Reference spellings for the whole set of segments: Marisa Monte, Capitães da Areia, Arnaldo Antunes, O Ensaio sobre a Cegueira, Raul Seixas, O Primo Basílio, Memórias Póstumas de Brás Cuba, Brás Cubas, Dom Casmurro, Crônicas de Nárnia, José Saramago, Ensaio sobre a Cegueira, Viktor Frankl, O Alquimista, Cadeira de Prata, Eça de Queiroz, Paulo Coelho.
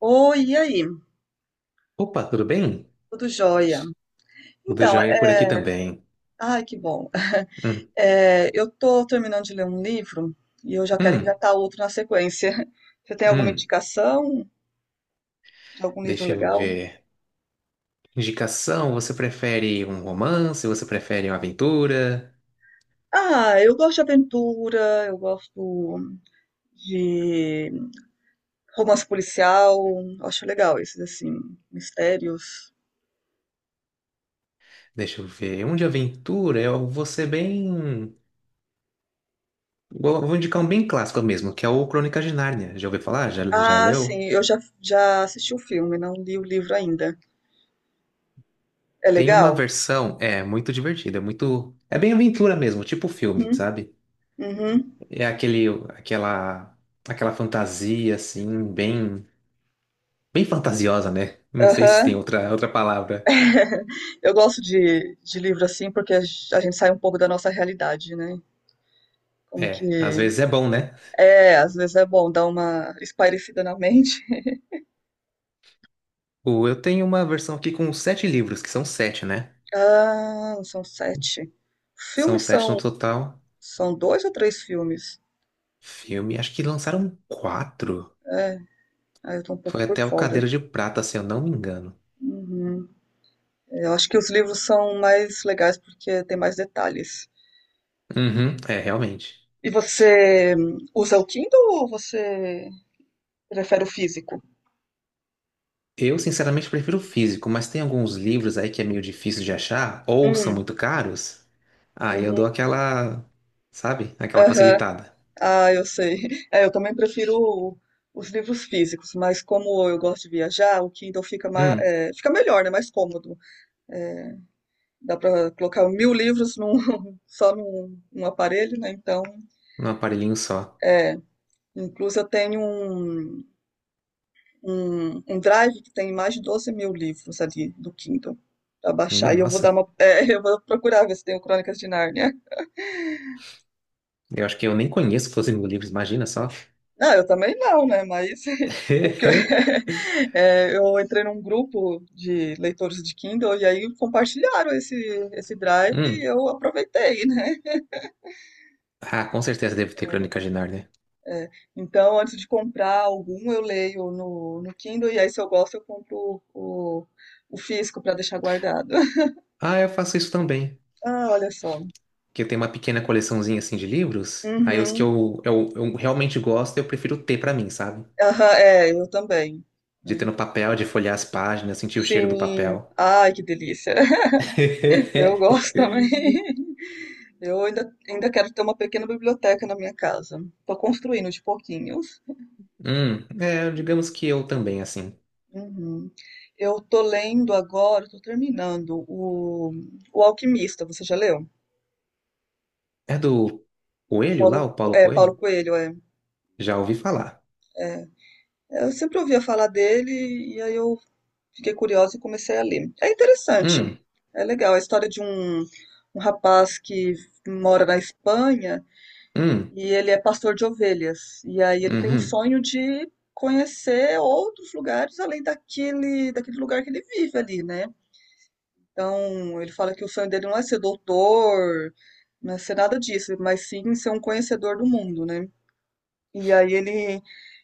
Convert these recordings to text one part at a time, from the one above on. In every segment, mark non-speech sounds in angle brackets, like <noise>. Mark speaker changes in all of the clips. Speaker 1: Oi, e aí?
Speaker 2: Opa, tudo bem?
Speaker 1: Tudo jóia?
Speaker 2: Tudo
Speaker 1: Então,
Speaker 2: jóia por aqui também.
Speaker 1: Ai, que bom.
Speaker 2: Hum,
Speaker 1: É, eu tô terminando de ler um livro e eu já quero
Speaker 2: hum,
Speaker 1: engatar outro na sequência. <laughs> Você tem alguma
Speaker 2: hum.
Speaker 1: indicação de algum livro
Speaker 2: Deixa eu
Speaker 1: legal?
Speaker 2: ver. Indicação, você prefere um romance? Você prefere uma aventura?
Speaker 1: Ah, eu gosto de aventura, eu gosto de romance policial, acho legal esses, assim, mistérios.
Speaker 2: Deixa eu ver. Um de aventura, eu vou ser bem... Vou indicar um bem clássico mesmo, que é o Crônicas de Nárnia. Já ouviu falar? Já, já
Speaker 1: Ah, sim,
Speaker 2: leu?
Speaker 1: eu já assisti o filme, não li o livro ainda. É
Speaker 2: Tem uma
Speaker 1: legal?
Speaker 2: versão, é, muito divertida, é muito... É bem aventura mesmo, tipo filme,
Speaker 1: Uhum,
Speaker 2: sabe?
Speaker 1: uhum,
Speaker 2: É aquele, aquela, aquela fantasia, assim, bem... bem fantasiosa, né? Não sei se tem
Speaker 1: aham.
Speaker 2: outra, outra palavra.
Speaker 1: <laughs> Eu gosto de livro assim, porque a gente sai um pouco da nossa realidade, né? Como que
Speaker 2: É, às vezes é bom, né?
Speaker 1: É, às vezes é bom dar uma espairecida na mente. <laughs>
Speaker 2: O, eu tenho uma versão aqui com sete livros, que são sete, né?
Speaker 1: Ah, são sete.
Speaker 2: São
Speaker 1: Filmes
Speaker 2: sete no
Speaker 1: são,
Speaker 2: total.
Speaker 1: são dois ou três filmes?
Speaker 2: Filme, acho que lançaram quatro.
Speaker 1: É, aí eu tô um pouco
Speaker 2: Foi
Speaker 1: por
Speaker 2: até o
Speaker 1: fora.
Speaker 2: Cadeira de Prata, se eu não me engano.
Speaker 1: Uhum. Eu acho que os livros são mais legais porque tem mais detalhes.
Speaker 2: Uhum, é, realmente.
Speaker 1: E você usa o Kindle ou você prefere o físico?
Speaker 2: Eu, sinceramente, prefiro o físico, mas tem alguns livros aí que é meio difícil de achar, ou são
Speaker 1: Hum,
Speaker 2: muito caros. Aí eu dou
Speaker 1: uhum,
Speaker 2: aquela, sabe? Aquela
Speaker 1: aham.
Speaker 2: facilitada.
Speaker 1: Ah, eu sei. <laughs> É, eu também prefiro os livros físicos, mas como eu gosto de viajar, o Kindle fica, ma-
Speaker 2: Hum,
Speaker 1: é, fica melhor, né? Mais cômodo. É, dá para colocar mil livros <laughs> só num aparelho, né? Então,
Speaker 2: um aparelhinho só.
Speaker 1: é, incluso eu tenho um drive que tem mais de 12.000 livros ali do Kindle para
Speaker 2: Minha
Speaker 1: baixar. E eu vou dar
Speaker 2: nossa.
Speaker 1: uma, <laughs> Eu vou procurar ver se tem o Crônicas de Nárnia.
Speaker 2: Eu acho que eu nem conheço Los Livros, imagina só.
Speaker 1: Não, eu também não, né? Mas <laughs> o que eu,
Speaker 2: <laughs>
Speaker 1: <laughs> eu entrei num grupo de leitores de Kindle e aí compartilharam esse drive e
Speaker 2: Hum.
Speaker 1: eu aproveitei, né?
Speaker 2: Ah, com certeza deve ter Crônicas de Nárnia.
Speaker 1: É, é, então, antes de comprar algum, eu leio no Kindle e aí, se eu gosto, eu compro o físico para deixar guardado. <laughs>
Speaker 2: Ah, eu faço isso também.
Speaker 1: Ah, olha só.
Speaker 2: Que eu tenho uma pequena coleçãozinha assim de livros. Aí os que
Speaker 1: Uhum.
Speaker 2: eu realmente gosto, eu prefiro ter pra mim, sabe?
Speaker 1: Aham, eu também,
Speaker 2: De ter
Speaker 1: né?
Speaker 2: no papel, de folhear as páginas, sentir o cheiro do
Speaker 1: Sim.
Speaker 2: papel.
Speaker 1: Ai, que delícia. <laughs> Eu
Speaker 2: <laughs>
Speaker 1: gosto também. Eu ainda quero ter uma pequena biblioteca na minha casa. Estou construindo de pouquinhos.
Speaker 2: É, digamos que eu também, assim.
Speaker 1: Uhum. Eu estou lendo agora, estou terminando o Alquimista, você já leu?
Speaker 2: É do Coelho lá,
Speaker 1: Paulo,
Speaker 2: o Paulo
Speaker 1: é, Paulo
Speaker 2: Coelho?
Speaker 1: Coelho, é.
Speaker 2: Já ouvi falar.
Speaker 1: Eu sempre ouvia falar dele e aí eu fiquei curiosa e comecei a ler. É interessante,
Speaker 2: Hum,
Speaker 1: é legal. É a história de um rapaz que mora na Espanha.
Speaker 2: hum,
Speaker 1: E ele é pastor de ovelhas. E aí ele tem um
Speaker 2: uhum,
Speaker 1: sonho de conhecer outros lugares além daquele lugar que ele vive ali, né? Então, ele fala que o sonho dele não é ser doutor, não é ser nada disso, mas sim ser um conhecedor do mundo, né? E aí ele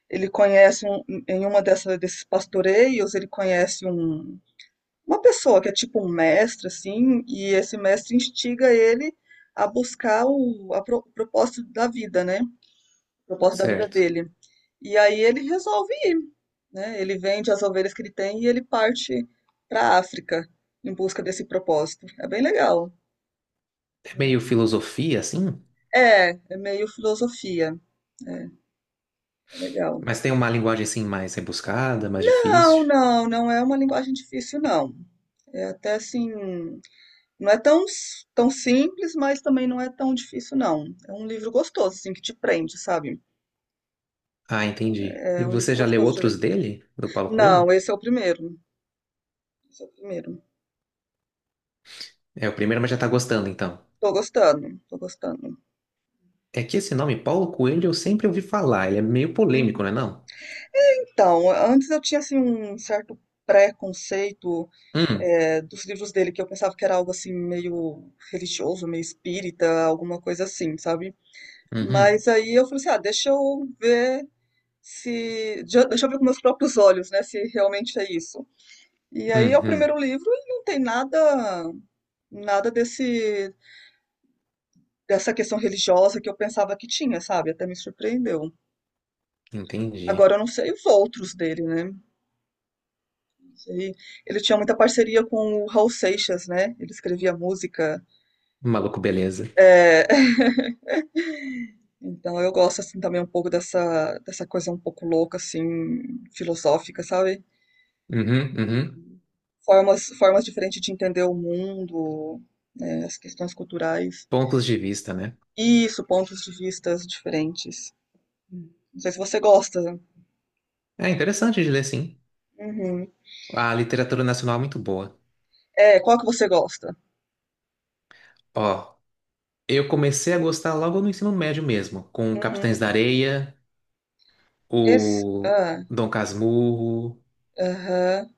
Speaker 1: ele conhece um, em uma dessa, desses pastoreios, ele conhece uma pessoa que é tipo um mestre, assim, e esse mestre instiga ele a buscar o propósito da vida, né? O propósito da vida
Speaker 2: certo.
Speaker 1: dele. E aí ele resolve ir, né? Ele vende as ovelhas que ele tem e ele parte para a África em busca desse propósito. É bem legal.
Speaker 2: É meio filosofia, assim?
Speaker 1: É, é meio filosofia. É, legal.
Speaker 2: Mas tem uma linguagem assim mais rebuscada, mais
Speaker 1: Não,
Speaker 2: difícil.
Speaker 1: não, não é uma linguagem difícil, não. É até assim, não é tão, tão simples, mas também não é tão difícil, não. É um livro gostoso, assim, que te prende, sabe?
Speaker 2: Ah, entendi. E
Speaker 1: É um livro
Speaker 2: você já leu
Speaker 1: gostoso de ler.
Speaker 2: outros dele, do Paulo
Speaker 1: Não,
Speaker 2: Coelho?
Speaker 1: esse é o primeiro. Esse é o primeiro.
Speaker 2: É o primeiro, mas já tá gostando então.
Speaker 1: Tô gostando, tô gostando.
Speaker 2: É que esse nome Paulo Coelho eu sempre ouvi falar, ele é meio polêmico, não
Speaker 1: Uhum.
Speaker 2: é não?
Speaker 1: Então, antes eu tinha assim um certo preconceito
Speaker 2: Hum,
Speaker 1: dos livros dele, que eu pensava que era algo assim meio religioso, meio espírita, alguma coisa assim, sabe?
Speaker 2: uhum,
Speaker 1: Mas aí eu falei assim, ah, deixa eu ver se, de- deixa eu ver com meus próprios olhos, né, se realmente é isso. E aí é o
Speaker 2: uhum,
Speaker 1: primeiro livro e não tem nada desse dessa questão religiosa que eu pensava que tinha, sabe? Até me surpreendeu.
Speaker 2: entendi.
Speaker 1: Agora eu não sei os outros dele, né? Sim. Ele tinha muita parceria com o Raul Seixas, né? Ele escrevia música.
Speaker 2: Maluco beleza.
Speaker 1: É, <laughs> então eu gosto assim também um pouco dessa coisa um pouco louca assim, filosófica, sabe?
Speaker 2: Uhum, uhum.
Speaker 1: Formas diferentes de entender o mundo, né, as questões culturais.
Speaker 2: Pontos de vista, né?
Speaker 1: Isso, pontos de vistas diferentes. Não sei se você gosta.
Speaker 2: É interessante de ler, sim.
Speaker 1: Uhum.
Speaker 2: A literatura nacional é muito boa.
Speaker 1: É, qual que você gosta?
Speaker 2: Ó, eu comecei a gostar logo no ensino médio mesmo, com
Speaker 1: Uhum.
Speaker 2: Capitães da Areia,
Speaker 1: Esse,
Speaker 2: o
Speaker 1: ah,
Speaker 2: Dom Casmurro.
Speaker 1: aham.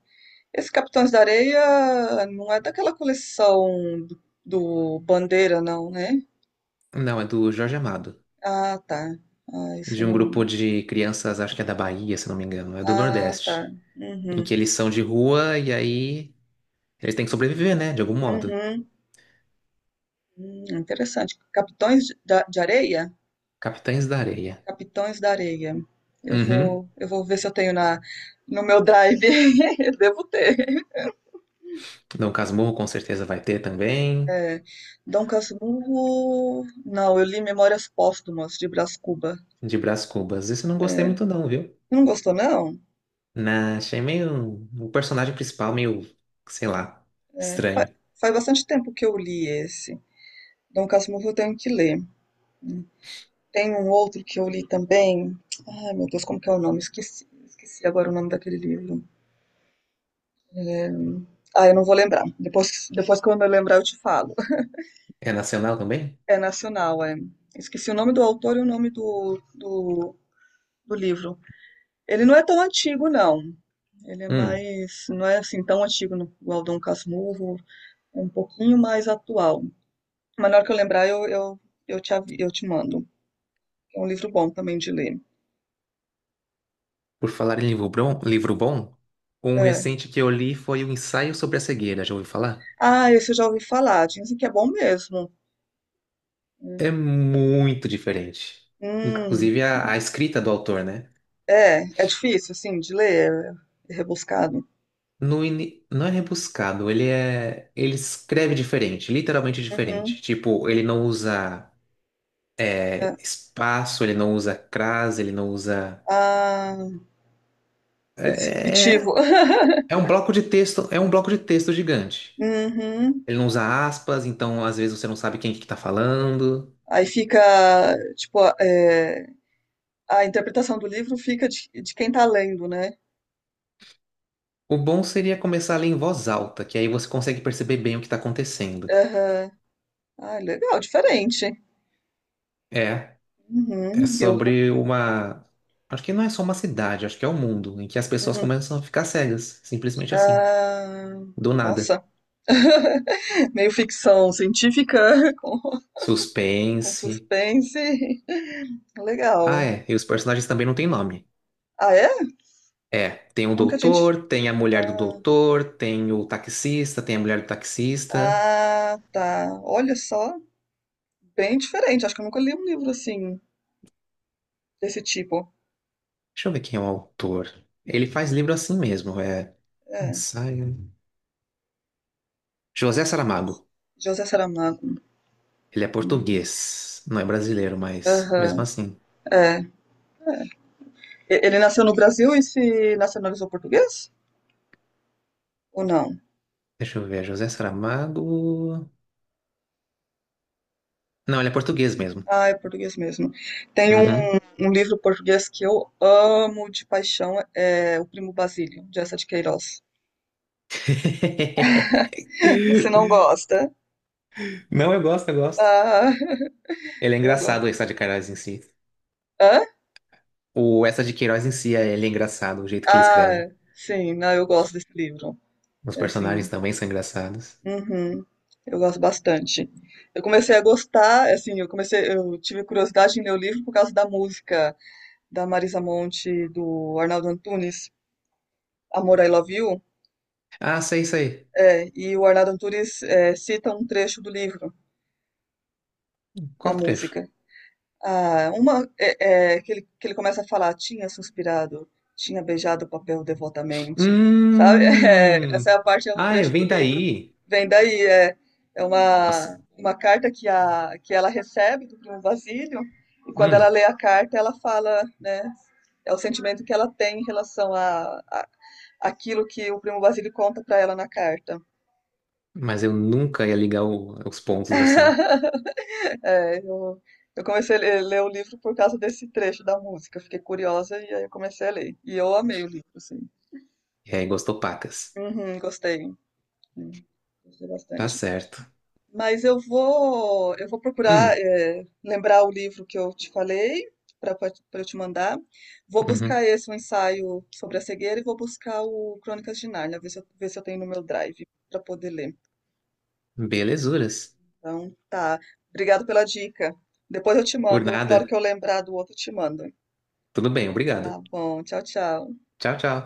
Speaker 1: Esse Capitães da Areia não é daquela coleção do Bandeira, não, né?
Speaker 2: Não, é do Jorge Amado,
Speaker 1: Ah, tá. Ah, isso
Speaker 2: de
Speaker 1: eu
Speaker 2: um grupo
Speaker 1: não.
Speaker 2: de crianças, acho que é da Bahia, se não me engano, é do
Speaker 1: Ah,
Speaker 2: Nordeste,
Speaker 1: tá.
Speaker 2: em que
Speaker 1: Uhum.
Speaker 2: eles são de rua e aí eles têm que sobreviver, né, de algum modo.
Speaker 1: Uhum. Interessante. Capitões de Areia?
Speaker 2: Capitães da Areia.
Speaker 1: Capitões da Areia. Eu
Speaker 2: Uhum.
Speaker 1: vou, eu vou ver se eu tenho no meu drive. <laughs> Eu devo ter.
Speaker 2: Dom Casmurro com certeza vai ter também,
Speaker 1: É. Dom Casmurro. Não, eu li Memórias Póstumas de Brás Cuba.
Speaker 2: de Brás Cubas. Isso eu não gostei muito não, viu?
Speaker 1: Não gostou, não?
Speaker 2: Na, achei meio o personagem principal meio, sei lá,
Speaker 1: É.
Speaker 2: estranho.
Speaker 1: Faz bastante tempo que eu li esse. Dom Casmurro eu tenho que ler. Tem um outro que eu li também. Ai, meu Deus, como que é o nome? Esqueci agora o nome daquele livro. É, Ah, eu não vou lembrar. Depois quando eu lembrar, eu te falo.
Speaker 2: É nacional também?
Speaker 1: É nacional, é. Esqueci o nome do autor e o nome do livro. Ele não é tão antigo, não. Ele é
Speaker 2: Hum,
Speaker 1: mais. Não é assim tão antigo igual Dom Casmurro. É um pouquinho mais atual. Mas na hora que eu lembrar, eu, te, eu te mando. É um livro bom também de ler.
Speaker 2: por falar em livro bom, um
Speaker 1: É.
Speaker 2: recente que eu li foi O Ensaio sobre a Cegueira, já ouviu falar?
Speaker 1: Ah, esse eu já ouvi falar, dizem que é bom mesmo. Hum,
Speaker 2: É muito diferente.
Speaker 1: Hum,
Speaker 2: Inclusive a escrita do autor, né?
Speaker 1: é difícil, assim, de ler, é rebuscado.
Speaker 2: No ini- não é rebuscado, ele é. Ele escreve diferente, literalmente diferente.
Speaker 1: Uhum,
Speaker 2: Tipo, ele não usa
Speaker 1: é.
Speaker 2: espaço, ele não usa crase, ele não usa.
Speaker 1: Ah, é
Speaker 2: É,
Speaker 1: disruptivo.
Speaker 2: é
Speaker 1: <laughs>
Speaker 2: é um bloco de texto, é um bloco de texto gigante.
Speaker 1: Uhum.
Speaker 2: Ele não usa aspas, então às vezes você não sabe quem que tá falando.
Speaker 1: Aí fica, tipo, a interpretação do livro fica de quem tá lendo, né?
Speaker 2: O bom seria começar a ler em voz alta, que aí você consegue perceber bem o que tá acontecendo.
Speaker 1: Aham. Ah, legal, diferente.
Speaker 2: É. É
Speaker 1: Uhum, eu vou.
Speaker 2: sobre uma. Acho que não é só uma cidade, acho que é o mundo, em que as pessoas
Speaker 1: Uhum.
Speaker 2: começam a ficar cegas, simplesmente assim,
Speaker 1: Ah,
Speaker 2: do nada.
Speaker 1: nossa, <laughs> meio ficção científica <laughs> com, com
Speaker 2: Suspense.
Speaker 1: suspense. Legal.
Speaker 2: Ah, é, e os personagens também não têm nome.
Speaker 1: Ah, é?
Speaker 2: É, tem o
Speaker 1: Como que a gente.
Speaker 2: doutor, tem a mulher do
Speaker 1: Ah,
Speaker 2: doutor, tem o taxista, tem a mulher do taxista.
Speaker 1: ah, tá. Olha só, bem diferente. Acho que eu nunca li um livro assim, desse tipo.
Speaker 2: Deixa eu ver quem é o autor. Ele faz livro assim mesmo, é.
Speaker 1: É.
Speaker 2: Ensaio. José Saramago.
Speaker 1: José Saramago.
Speaker 2: Ele é português, não é brasileiro, mas mesmo
Speaker 1: Aham,
Speaker 2: assim.
Speaker 1: é. Ele nasceu no Brasil e se nacionalizou português? Ou não?
Speaker 2: Deixa eu ver, José Saramago. Não, ele é português mesmo.
Speaker 1: Ah, é português mesmo. Tem um,
Speaker 2: Uhum.
Speaker 1: um livro português que eu amo de paixão, é O Primo Basílio, de Eça de Queiroz. <laughs> Você não
Speaker 2: <laughs>
Speaker 1: gosta?
Speaker 2: Não, eu gosto, eu gosto.
Speaker 1: Ah, <laughs>
Speaker 2: Ele é
Speaker 1: eu gosto.
Speaker 2: engraçado, o Eça de Queiroz em si.
Speaker 1: Hã?
Speaker 2: O Eça de Queiroz em si, ele é engraçado, o jeito que ele
Speaker 1: Ah,
Speaker 2: escreve.
Speaker 1: sim, não, eu gosto desse livro.
Speaker 2: Os
Speaker 1: É
Speaker 2: personagens
Speaker 1: assim,
Speaker 2: também são engraçados.
Speaker 1: uhum. Eu gosto bastante. Eu comecei a gostar, assim, eu tive curiosidade em ler o livro por causa da música da Marisa Monte, e do Arnaldo Antunes, Amor, I Love You.
Speaker 2: Ah, sei, sei.
Speaker 1: É, e o Arnaldo Antunes cita um trecho do livro na
Speaker 2: Qual trecho?
Speaker 1: música. Ah, que ele começa a falar, tinha suspirado, tinha beijado o papel devotamente, sabe? <laughs> É, essa
Speaker 2: Hum.
Speaker 1: é a parte, é o
Speaker 2: Ah, é,
Speaker 1: trecho do
Speaker 2: vem
Speaker 1: livro.
Speaker 2: daí.
Speaker 1: Vem daí, é
Speaker 2: Nossa.
Speaker 1: uma carta que ela recebe do primo Basílio, e quando
Speaker 2: Hum.
Speaker 1: ela lê a carta, ela fala, né? É o sentimento que ela tem em relação a aquilo que o primo Basílio conta para ela na carta.
Speaker 2: Mas eu nunca ia ligar o- os pontos assim.
Speaker 1: <laughs> É, eu comecei a ler o livro por causa desse trecho da música. Eu fiquei curiosa e aí eu comecei a ler. E eu amei o livro, assim.
Speaker 2: E aí, gostou pacas.
Speaker 1: Uhum, gostei. Sim, gostei
Speaker 2: Tá
Speaker 1: bastante.
Speaker 2: certo.
Speaker 1: Mas eu vou procurar,
Speaker 2: Hum.
Speaker 1: lembrar o livro que eu te falei para eu te mandar. Vou
Speaker 2: Uhum.
Speaker 1: buscar esse, o ensaio sobre a cegueira, e vou buscar o Crônicas de Nárnia, ver se eu tenho no meu drive para poder ler.
Speaker 2: Belezuras.
Speaker 1: Então, tá. Obrigado pela dica. Depois eu te
Speaker 2: Por
Speaker 1: mando, na hora que
Speaker 2: nada.
Speaker 1: eu lembrar do outro, eu te mando.
Speaker 2: Tudo bem,
Speaker 1: Tá
Speaker 2: obrigado.
Speaker 1: bom. Tchau, tchau.
Speaker 2: Tchau, tchau.